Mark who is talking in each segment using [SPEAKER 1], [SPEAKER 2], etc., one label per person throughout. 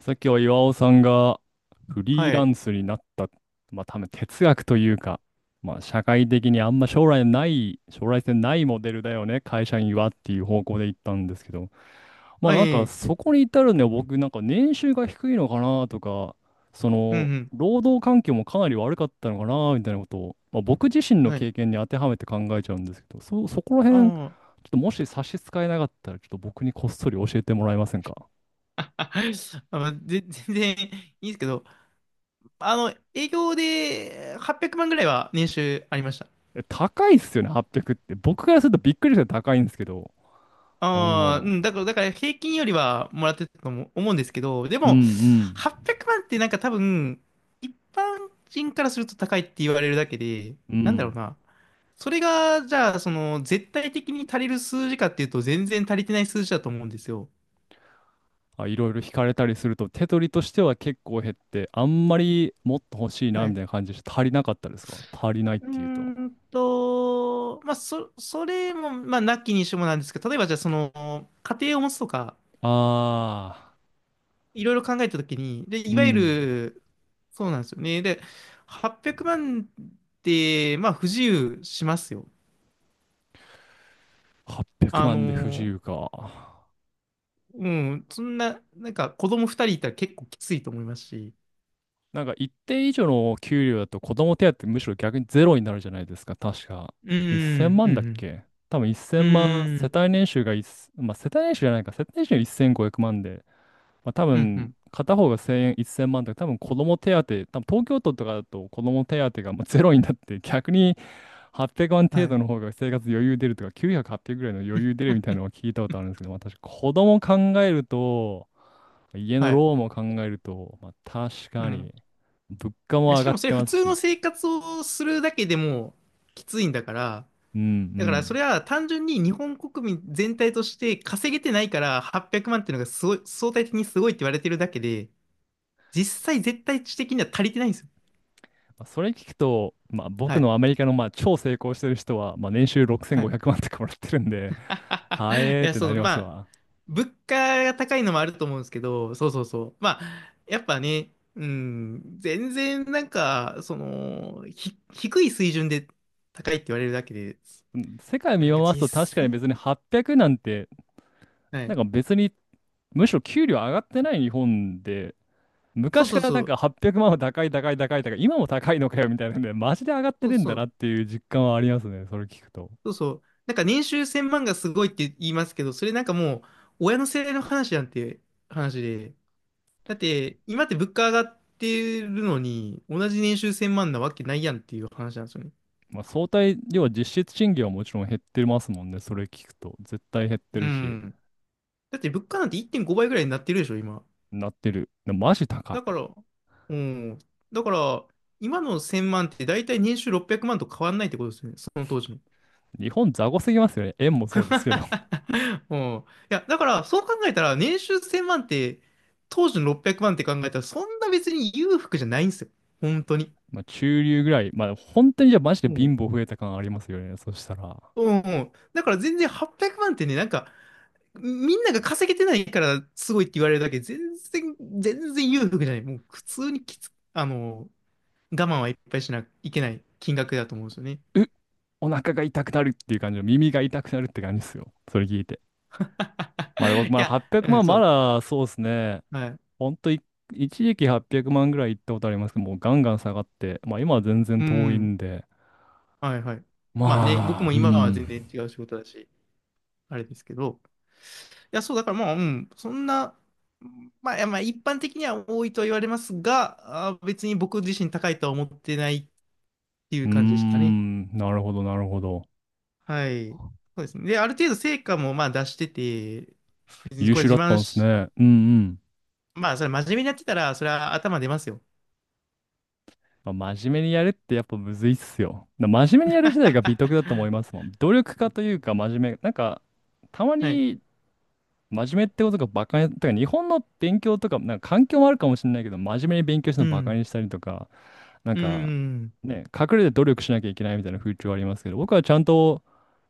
[SPEAKER 1] さっきは岩尾さんがフリー
[SPEAKER 2] は
[SPEAKER 1] ラ
[SPEAKER 2] い。
[SPEAKER 1] ンスになった、まあ多分哲学というか、まあ社会的にあんま将来ない、将来性ないモデルだよね、会社員はっていう方向で行ったんですけど、まあ
[SPEAKER 2] あ、いえ
[SPEAKER 1] なん
[SPEAKER 2] い
[SPEAKER 1] か
[SPEAKER 2] え
[SPEAKER 1] そこに至るには僕なんかね年収が低いのかなとか、そ
[SPEAKER 2] う
[SPEAKER 1] の
[SPEAKER 2] ん
[SPEAKER 1] 労働環境もかなり悪かったのかなみたいなことを、まあ、僕自身
[SPEAKER 2] うん。
[SPEAKER 1] の
[SPEAKER 2] はい。
[SPEAKER 1] 経験に当てはめて考えちゃうんですけど、そこら辺、ちょ
[SPEAKER 2] あ
[SPEAKER 1] っともし差し支えなかったら、ちょっと僕にこっそり教えてもらえませんか？
[SPEAKER 2] あ、あ、まあぜ 全然いいですけど、営業で800万ぐらいは年収ありました。
[SPEAKER 1] え、高いっすよね、800っぴゃくって。僕からするとびっくりして高いんですけど。
[SPEAKER 2] ああ、う
[SPEAKER 1] おー。
[SPEAKER 2] ん、だから平均よりはもらってたと思うんですけど、で
[SPEAKER 1] う
[SPEAKER 2] も、
[SPEAKER 1] ん
[SPEAKER 2] 800万ってなんか多分、一般人からすると高いって言われるだけで、
[SPEAKER 1] うん。う
[SPEAKER 2] なんだろう
[SPEAKER 1] ん。
[SPEAKER 2] な。それが、じゃあ、その、絶対的に足りる数字かっていうと、全然足りてない数字だと思うんですよ。
[SPEAKER 1] あ、いろいろ引かれたりすると、手取りとしては結構減って、あんまりもっと欲しいな
[SPEAKER 2] は
[SPEAKER 1] み
[SPEAKER 2] い
[SPEAKER 1] たいな感じで足りなかったですか、足りないっ
[SPEAKER 2] うー
[SPEAKER 1] ていうと。
[SPEAKER 2] まあ、それも、まあ、なきにしもなんですけど、例えばじゃあ、その、家庭を持つとか、
[SPEAKER 1] ああ、
[SPEAKER 2] いろいろ考えたときに、で、
[SPEAKER 1] う
[SPEAKER 2] いわゆ
[SPEAKER 1] ん。
[SPEAKER 2] る、そうなんですよね。で、800万って、まあ、不自由しますよ。
[SPEAKER 1] 800
[SPEAKER 2] あ
[SPEAKER 1] 万で不自
[SPEAKER 2] の、
[SPEAKER 1] 由か。
[SPEAKER 2] うん、そんな、なんか、子供2人いたら結構きついと思いますし。
[SPEAKER 1] なんか一定以上の給料だと子供手当むしろ逆にゼロになるじゃないですか、確か。
[SPEAKER 2] う
[SPEAKER 1] 1000
[SPEAKER 2] ん、う
[SPEAKER 1] 万だっ
[SPEAKER 2] ん、
[SPEAKER 1] け。多分1000
[SPEAKER 2] う
[SPEAKER 1] 万、
[SPEAKER 2] ん、う
[SPEAKER 1] 世
[SPEAKER 2] ん、
[SPEAKER 1] 帯年収がまあ世帯年収じゃないか、世帯年収が1500万で、まあ多
[SPEAKER 2] うん、う
[SPEAKER 1] 分
[SPEAKER 2] ん、
[SPEAKER 1] 片方が1000円、1000万とか、多分子供手当、多分東京都とかだと子供手当がまあゼロになって、逆に800万程
[SPEAKER 2] はい。
[SPEAKER 1] 度の方が生活余裕出るとか、900、800ぐらいの余裕出るみたいな のを聞いたことあるんですけど、まあ私、子供考えると、家の
[SPEAKER 2] はい。
[SPEAKER 1] ローンも考えると、まあ、確
[SPEAKER 2] う
[SPEAKER 1] か
[SPEAKER 2] ん。
[SPEAKER 1] に、物価
[SPEAKER 2] い
[SPEAKER 1] も
[SPEAKER 2] や
[SPEAKER 1] 上
[SPEAKER 2] し
[SPEAKER 1] が
[SPEAKER 2] か
[SPEAKER 1] っ
[SPEAKER 2] もそれ
[SPEAKER 1] て
[SPEAKER 2] 普
[SPEAKER 1] ます
[SPEAKER 2] 通の
[SPEAKER 1] し。
[SPEAKER 2] 生活をするだけでもきついんだから、
[SPEAKER 1] うんう
[SPEAKER 2] だからそ
[SPEAKER 1] ん。
[SPEAKER 2] れは単純に日本国民全体として稼げてないから800万っていうのがすごい、相対的にすごいって言われてるだけで、実際絶対値的には足りてないんですよ。
[SPEAKER 1] まあそれ聞くと、まあ、
[SPEAKER 2] は
[SPEAKER 1] 僕
[SPEAKER 2] い。
[SPEAKER 1] のアメリカのまあ超成功してる人は、まあ、年収
[SPEAKER 2] は
[SPEAKER 1] 6500
[SPEAKER 2] い。
[SPEAKER 1] 万とかもらってるんで、は え
[SPEAKER 2] い
[SPEAKER 1] ーっ
[SPEAKER 2] や、
[SPEAKER 1] て
[SPEAKER 2] そ
[SPEAKER 1] な
[SPEAKER 2] う、
[SPEAKER 1] りま
[SPEAKER 2] ま
[SPEAKER 1] す
[SPEAKER 2] あ、
[SPEAKER 1] わ。
[SPEAKER 2] 物価が高いのもあると思うんですけど、そうそうそう。まあ、やっぱね、うん、全然なんか、その、低い水準で高いって言われるだけで、
[SPEAKER 1] うん、世界見
[SPEAKER 2] なんか
[SPEAKER 1] 回す
[SPEAKER 2] 実
[SPEAKER 1] と確かに
[SPEAKER 2] 際、
[SPEAKER 1] 別に800なんて、
[SPEAKER 2] は
[SPEAKER 1] な
[SPEAKER 2] い
[SPEAKER 1] んか別に、むしろ給料上がってない日本で、
[SPEAKER 2] そう
[SPEAKER 1] 昔
[SPEAKER 2] そ
[SPEAKER 1] か
[SPEAKER 2] う
[SPEAKER 1] らな
[SPEAKER 2] そ
[SPEAKER 1] んか
[SPEAKER 2] う。
[SPEAKER 1] 800万は高い高い高い高い、今も高いのかよみたいなんで、マジで上がって
[SPEAKER 2] そ
[SPEAKER 1] ね
[SPEAKER 2] う
[SPEAKER 1] えん
[SPEAKER 2] そ
[SPEAKER 1] だな
[SPEAKER 2] う。
[SPEAKER 1] っていう実感はありますね、それ聞くと。
[SPEAKER 2] そうそう。なんか年収1000万がすごいって言いますけど、それなんかもう、親の世代の話で。だって、今って物価上がってるのに、同じ年収1000万なわけないやんっていう話なんですよね。
[SPEAKER 1] まあ、相対、要は実質賃金はもちろん減ってますもんね、それ聞くと。絶対減って
[SPEAKER 2] う
[SPEAKER 1] るし。
[SPEAKER 2] ん。だって物価なんて1.5倍ぐらいになってるでしょ、今。
[SPEAKER 1] なってる。でもマジ高
[SPEAKER 2] だか
[SPEAKER 1] い。
[SPEAKER 2] ら、うん。だから、今の1000万って大体年収600万と変わんないってことですよね、その当時の。
[SPEAKER 1] 日本雑魚すぎますよね。円もそうですけど。
[SPEAKER 2] うん。いや、だから、そう考えたら、年収1000万って、当時の600万って考えたら、そんな別に裕福じゃないんですよ。本当に。
[SPEAKER 1] まあ、中流ぐらい。まあ、本当にじゃあマジで
[SPEAKER 2] う
[SPEAKER 1] 貧
[SPEAKER 2] ん。
[SPEAKER 1] 乏増えた感ありますよね、そしたら。
[SPEAKER 2] うん、うん。だから全然800万ってね、なんか、みんなが稼げてないからすごいって言われるだけ、全然、全然裕福じゃない。もう普通にあの、我慢はいっぱいしなきゃいけない金額だと思うんですよね。
[SPEAKER 1] うっお腹が痛くなるっていう感じの、耳が痛くなるって感じですよ、それ聞いて。まあ、僕、
[SPEAKER 2] い
[SPEAKER 1] まだ
[SPEAKER 2] や、
[SPEAKER 1] 800
[SPEAKER 2] うん、
[SPEAKER 1] 万、
[SPEAKER 2] そ
[SPEAKER 1] ま
[SPEAKER 2] う。
[SPEAKER 1] だそうですね。
[SPEAKER 2] はい。
[SPEAKER 1] ほんとい、一時期800万ぐらい行ったことありますけど、もうガンガン下がって、まあ今は全然
[SPEAKER 2] う
[SPEAKER 1] 遠い
[SPEAKER 2] ん。
[SPEAKER 1] んで、
[SPEAKER 2] はい、はい。まあね、
[SPEAKER 1] ま
[SPEAKER 2] 僕
[SPEAKER 1] あ、う
[SPEAKER 2] も今は全然
[SPEAKER 1] ん。
[SPEAKER 2] 違う仕事だし。あれですけど。いや、そう、だからまあ、うん、そんな、まあ、いやまあ、一般的には多いとは言われますが、あー、別に僕自身高いとは思ってないってい
[SPEAKER 1] う
[SPEAKER 2] う
[SPEAKER 1] ー
[SPEAKER 2] 感じでしたかね。
[SPEAKER 1] ん、なるほど、なるほど。
[SPEAKER 2] はい。そうですね。で、ある程度成果もまあ出してて、別に
[SPEAKER 1] 優
[SPEAKER 2] これ
[SPEAKER 1] 秀
[SPEAKER 2] 自
[SPEAKER 1] だった
[SPEAKER 2] 慢
[SPEAKER 1] んです
[SPEAKER 2] し、
[SPEAKER 1] ね。うんうん。
[SPEAKER 2] まあ、それ真面目にやってたら、それは頭出ますよ。
[SPEAKER 1] まあ真面目にやるってやっぱむずいっすよ。真面目にやる時代が美徳だと思い ますもん。努力家というか真面目、なんか、たま
[SPEAKER 2] はい。
[SPEAKER 1] に真面目ってことがバカに、てか日本の勉強とか、なんか環境もあるかもしれないけど、真面目に勉強して
[SPEAKER 2] う
[SPEAKER 1] るのバカ
[SPEAKER 2] ん。
[SPEAKER 1] にしたりとか、なん
[SPEAKER 2] う
[SPEAKER 1] か、
[SPEAKER 2] ん。
[SPEAKER 1] ね、隠れて努力しなきゃいけないみたいな風潮ありますけど、僕はちゃんと、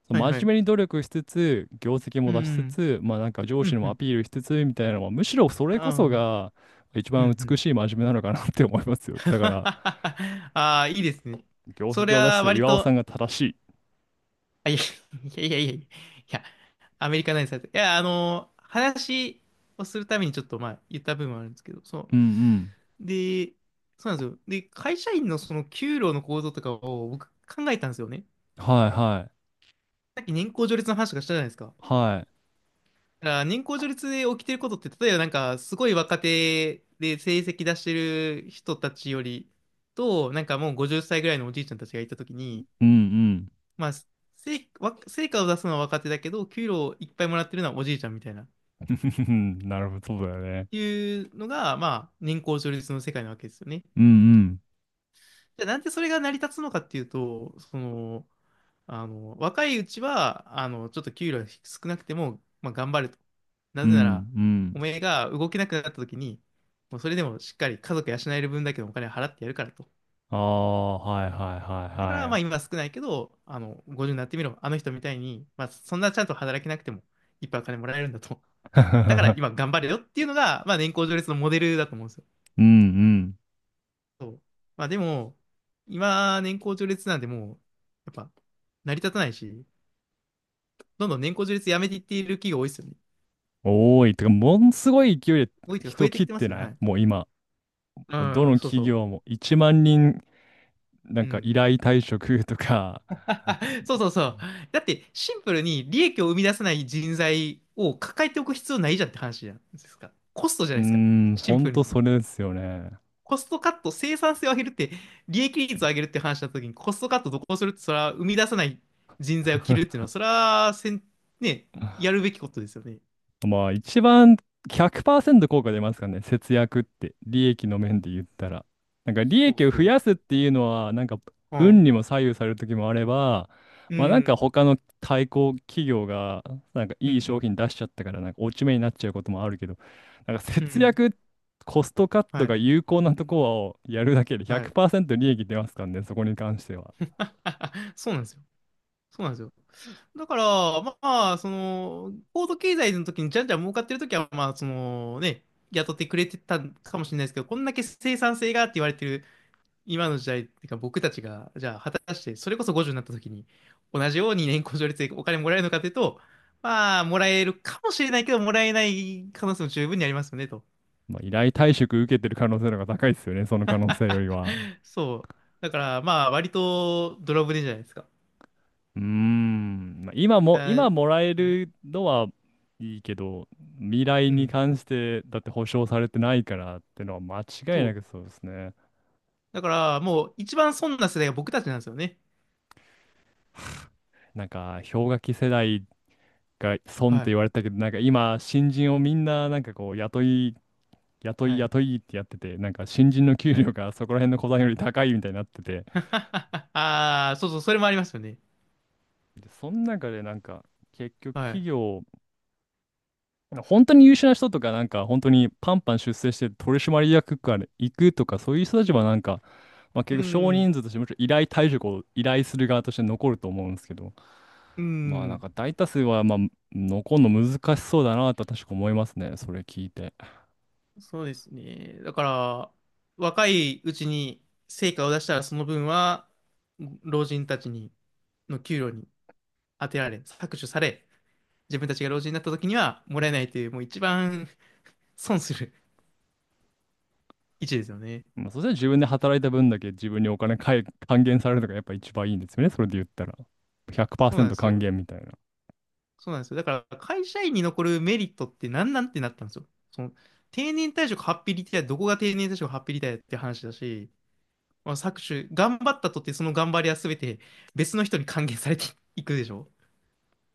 [SPEAKER 1] その
[SPEAKER 2] はいは
[SPEAKER 1] 真
[SPEAKER 2] い。
[SPEAKER 1] 面目に努力しつつ、業績
[SPEAKER 2] う
[SPEAKER 1] も出しつ
[SPEAKER 2] ん。
[SPEAKER 1] つ、まあなんか上
[SPEAKER 2] う
[SPEAKER 1] 司
[SPEAKER 2] ん。
[SPEAKER 1] に
[SPEAKER 2] う
[SPEAKER 1] もア
[SPEAKER 2] ん。
[SPEAKER 1] ピールしつつみたいなのは、むしろそれ
[SPEAKER 2] あ
[SPEAKER 1] こそ
[SPEAKER 2] あ。
[SPEAKER 1] が一
[SPEAKER 2] う
[SPEAKER 1] 番
[SPEAKER 2] ん。う
[SPEAKER 1] 美
[SPEAKER 2] ん。
[SPEAKER 1] しい真面目なのかなって思いますよ。だから、
[SPEAKER 2] ああ、いいですね。
[SPEAKER 1] 業
[SPEAKER 2] それ
[SPEAKER 1] 績を出し
[SPEAKER 2] は
[SPEAKER 1] てる
[SPEAKER 2] 割
[SPEAKER 1] 岩尾さ
[SPEAKER 2] と
[SPEAKER 1] んが正しい。
[SPEAKER 2] いやいやいやいやいや、いや、アメリカなイですいや、あの、話をするためにちょっとまあ言った部分はあるんですけど、そ
[SPEAKER 1] うん
[SPEAKER 2] う。で、そうなんですよ。で、会社員のその給料の構造とかを僕考えたんですよね。
[SPEAKER 1] うん。はいはい。
[SPEAKER 2] さっき年功序列の話とかしたじゃないですか。だか
[SPEAKER 1] はい。
[SPEAKER 2] ら年功序列で起きてることって、例えばなんかすごい若手で成績出してる人たちよりと、なんかもう50歳ぐらいのおじいちゃんたちがいたときに、
[SPEAKER 1] うん
[SPEAKER 2] まあ、成果を出すのは若手だけど、給料いっぱいもらってるのはおじいちゃんみたいな。
[SPEAKER 1] うん。なるほど、そうだよね。
[SPEAKER 2] いうのが、まあ、年功序列の世界なわけですよね。
[SPEAKER 1] うんうん。
[SPEAKER 2] じゃあ、なんでそれが成り立つのかっていうと、その、あの、若いうちは、あの、ちょっと給料が少なくても、まあ、頑張ると。
[SPEAKER 1] う
[SPEAKER 2] なぜなら、
[SPEAKER 1] んうん。
[SPEAKER 2] お前が動けなくなった時に、もうそれでもしっかり家族養える分だけのお金を払ってやるからと。
[SPEAKER 1] ああ、はいはい
[SPEAKER 2] だから、
[SPEAKER 1] は
[SPEAKER 2] まあ、今少ないけど、あの、50になってみろ。あの人みたいに、まあ、そんなちゃんと働けなくても、いっぱいお金もらえるんだと。
[SPEAKER 1] い
[SPEAKER 2] だから、
[SPEAKER 1] は
[SPEAKER 2] 今
[SPEAKER 1] い。
[SPEAKER 2] 頑張れよっていうのが、まあ、年功序列のモデルだと思うんですよね。
[SPEAKER 1] うんうん。
[SPEAKER 2] そう。まあでも、今、年功序列なんでもう、やっぱ、成り立たないし、どんどん年功序列やめていっている企業多いですよね。
[SPEAKER 1] 多い。てか、ものすごい勢いで
[SPEAKER 2] 多いというか増
[SPEAKER 1] 人
[SPEAKER 2] えて
[SPEAKER 1] 切っ
[SPEAKER 2] きてま
[SPEAKER 1] て
[SPEAKER 2] すよ
[SPEAKER 1] な
[SPEAKER 2] ね。は
[SPEAKER 1] い
[SPEAKER 2] い。
[SPEAKER 1] もう今。
[SPEAKER 2] う
[SPEAKER 1] もうど
[SPEAKER 2] ん、
[SPEAKER 1] の
[SPEAKER 2] そう
[SPEAKER 1] 企
[SPEAKER 2] そ
[SPEAKER 1] 業も1万人、なん
[SPEAKER 2] う。う
[SPEAKER 1] か依
[SPEAKER 2] ん。
[SPEAKER 1] 頼退職 とか。
[SPEAKER 2] そうそうそう。だって、シンプルに利益を生み出さない人材を抱えておく必要ないじゃんって話じゃないですか。コストじゃ
[SPEAKER 1] うー
[SPEAKER 2] ないですか。
[SPEAKER 1] ん、
[SPEAKER 2] シ
[SPEAKER 1] ほ
[SPEAKER 2] ン
[SPEAKER 1] ん
[SPEAKER 2] プル
[SPEAKER 1] と
[SPEAKER 2] に。
[SPEAKER 1] それですよね。
[SPEAKER 2] コストカット、生産性を上げるって、利益率を上げるって話したときに、コストカットどこをするって、それは生み出さない人材を切るっていうの は、それはせん、ね、やるべきことですよね。
[SPEAKER 1] まあ、一番100%効果出ますかね、節約って、利益の面で言ったら。なんか利
[SPEAKER 2] そう
[SPEAKER 1] 益を増
[SPEAKER 2] そう。
[SPEAKER 1] やすっていうのは、なんか
[SPEAKER 2] は
[SPEAKER 1] 運
[SPEAKER 2] い。
[SPEAKER 1] にも左右される時もあれば、
[SPEAKER 2] う
[SPEAKER 1] まあなんか
[SPEAKER 2] ん。
[SPEAKER 1] 他の対抗企業が、なんか
[SPEAKER 2] う
[SPEAKER 1] いい商
[SPEAKER 2] ん。
[SPEAKER 1] 品出しちゃったから、なんか落ち目になっちゃうこともあるけど、なんか
[SPEAKER 2] うん。う
[SPEAKER 1] 節
[SPEAKER 2] ん。
[SPEAKER 1] 約、コストカッ
[SPEAKER 2] は
[SPEAKER 1] トが
[SPEAKER 2] い。
[SPEAKER 1] 有効なところをやるだけで
[SPEAKER 2] はい。
[SPEAKER 1] 100%利益出ますからね、そこに関しては。
[SPEAKER 2] そうなんですよ。そうなんですよ。だから、まあ、その、高度経済の時にじゃんじゃん儲かってる時は、まあ、そのね、雇ってくれてたかもしれないですけど、こんだけ生産性がって言われてる今の時代っていうか、僕たちが、じゃあ、果たして、それこそ50になった時に、同じように年功序列でお金もらえるのかというと、まあ、もらえるかもしれないけど、もらえない可能性も十分にありますよね、と。
[SPEAKER 1] まあ、依頼退職受けてる可能性の方が高いですよね、その可能性よりは。
[SPEAKER 2] そう。だから、まあ、割とドラブでじゃないですか。
[SPEAKER 1] うーん、まあ、今も、
[SPEAKER 2] あ
[SPEAKER 1] 今もらえ
[SPEAKER 2] うん。
[SPEAKER 1] るのはいいけど、未来
[SPEAKER 2] う
[SPEAKER 1] に
[SPEAKER 2] ん
[SPEAKER 1] 関して、だって保証されてないからってのは間違い
[SPEAKER 2] そ
[SPEAKER 1] な
[SPEAKER 2] う。
[SPEAKER 1] くそうですね。
[SPEAKER 2] だから、もう、一番損な世代が僕たちなんですよね。
[SPEAKER 1] なんか、氷河期世代が損っ
[SPEAKER 2] は
[SPEAKER 1] て
[SPEAKER 2] い。
[SPEAKER 1] 言われたけど、なんか今、新人をみんな、なんかこう、雇い、雇い、
[SPEAKER 2] はい。
[SPEAKER 1] 雇いってやってて、なんか新人の給
[SPEAKER 2] は
[SPEAKER 1] 料
[SPEAKER 2] い。
[SPEAKER 1] がそこら辺の小さんより高いみたいになってて、
[SPEAKER 2] ああ、そうそう、それもありますよね。
[SPEAKER 1] で、その中でなんか、結局
[SPEAKER 2] は
[SPEAKER 1] 企
[SPEAKER 2] い。
[SPEAKER 1] 業、本当に優秀な人とか、なんか本当にパンパン出世して取締役から行くとか、そういう人たちはなんか、まあ、結
[SPEAKER 2] う
[SPEAKER 1] 局少
[SPEAKER 2] ん。
[SPEAKER 1] 人数としてもちろん依頼退職を依頼する側として残ると思うんですけど、
[SPEAKER 2] う
[SPEAKER 1] まあなん
[SPEAKER 2] ん。
[SPEAKER 1] か大多数はまあ残るの難しそうだなと確か思いますね、それ聞いて。
[SPEAKER 2] そうですね。だから、若いうちに成果を出したら、その分は、老人たちに、の給料に当てられ、搾取され、自分たちが老人になった時にはもらえないという、もう一番損する位置ですよね。
[SPEAKER 1] まあ、そしたら自分で働いた分だけ自分にお金還元されるのがやっぱ一番いいんですよね、それで言ったら。
[SPEAKER 2] そうなんで
[SPEAKER 1] 100%
[SPEAKER 2] す
[SPEAKER 1] 還
[SPEAKER 2] よ。
[SPEAKER 1] 元みたいな。
[SPEAKER 2] そうなんですよ。だから会社員に残るメリットって何なんってなったんですよ。その定年退職ハッピーリタイア、どこが定年退職ハッピーリタイアって話だし、まあ、搾取、頑張ったとってその頑張りは全て別の人に還元されていくでしょ。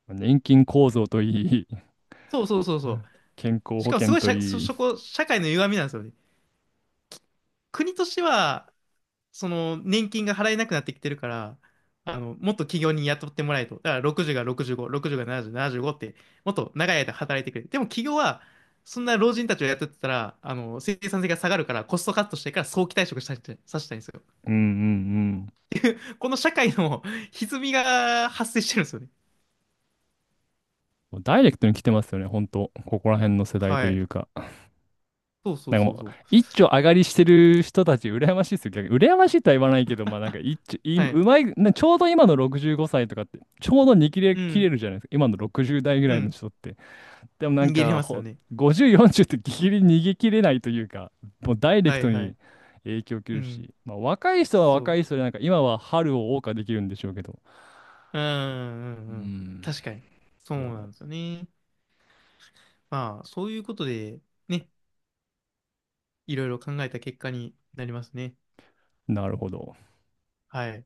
[SPEAKER 1] まあ年金構造といい、
[SPEAKER 2] そうそうそうそう。
[SPEAKER 1] 健康
[SPEAKER 2] し
[SPEAKER 1] 保
[SPEAKER 2] かもす
[SPEAKER 1] 険
[SPEAKER 2] ごい
[SPEAKER 1] と
[SPEAKER 2] 社、そ、
[SPEAKER 1] いい。
[SPEAKER 2] そこ、社会の歪みなんですよね。国としてはその年金が払えなくなってきてるから、あの、もっと企業に雇ってもらえと。だから60が65、60が70、75って、もっと長い間働いてくれ。でも企業は、そんな老人たちを雇ってたら、あの、生産性が下がるから、コストカットしてから早期退職させたい、させたいんですよ。
[SPEAKER 1] うんうんうん。
[SPEAKER 2] この社会の 歪みが発生してるんですよね。
[SPEAKER 1] もうダイレクトに来てますよね、ほんと。ここら辺の世代と
[SPEAKER 2] はい。
[SPEAKER 1] いうか。
[SPEAKER 2] そうそ
[SPEAKER 1] な
[SPEAKER 2] う
[SPEAKER 1] んかも
[SPEAKER 2] そうそ
[SPEAKER 1] う、
[SPEAKER 2] う。
[SPEAKER 1] 一丁上がりしてる人たち、羨ましいですよ。逆に、羨ましいとは言わないけど、まあなんか一丁、い、
[SPEAKER 2] は
[SPEAKER 1] う
[SPEAKER 2] い。
[SPEAKER 1] まい、なちょうど今の65歳とかって、ちょうどに切れ、
[SPEAKER 2] う
[SPEAKER 1] 切
[SPEAKER 2] ん。
[SPEAKER 1] れるじゃないですか、今の60代ぐ
[SPEAKER 2] う
[SPEAKER 1] らいの
[SPEAKER 2] ん。
[SPEAKER 1] 人って。でもなん
[SPEAKER 2] 逃げれ
[SPEAKER 1] か、
[SPEAKER 2] ますよね。
[SPEAKER 1] 50、40ってギリギリ逃げ切れないというか、もうダイレク
[SPEAKER 2] はい
[SPEAKER 1] ト
[SPEAKER 2] はい。
[SPEAKER 1] に影響を受け
[SPEAKER 2] う
[SPEAKER 1] る
[SPEAKER 2] ん。
[SPEAKER 1] し、まあ若い人は
[SPEAKER 2] そ
[SPEAKER 1] 若
[SPEAKER 2] う。
[SPEAKER 1] い人で、なんか今は春を謳歌できるんでしょうけど。
[SPEAKER 2] うんうん
[SPEAKER 1] う
[SPEAKER 2] うん。
[SPEAKER 1] ん。
[SPEAKER 2] 確かに。そう
[SPEAKER 1] いや
[SPEAKER 2] な
[SPEAKER 1] も
[SPEAKER 2] んですよね。まあ、そういうことで、ね、いろいろ考えた結果になりますね。
[SPEAKER 1] う、なるほど。
[SPEAKER 2] はい。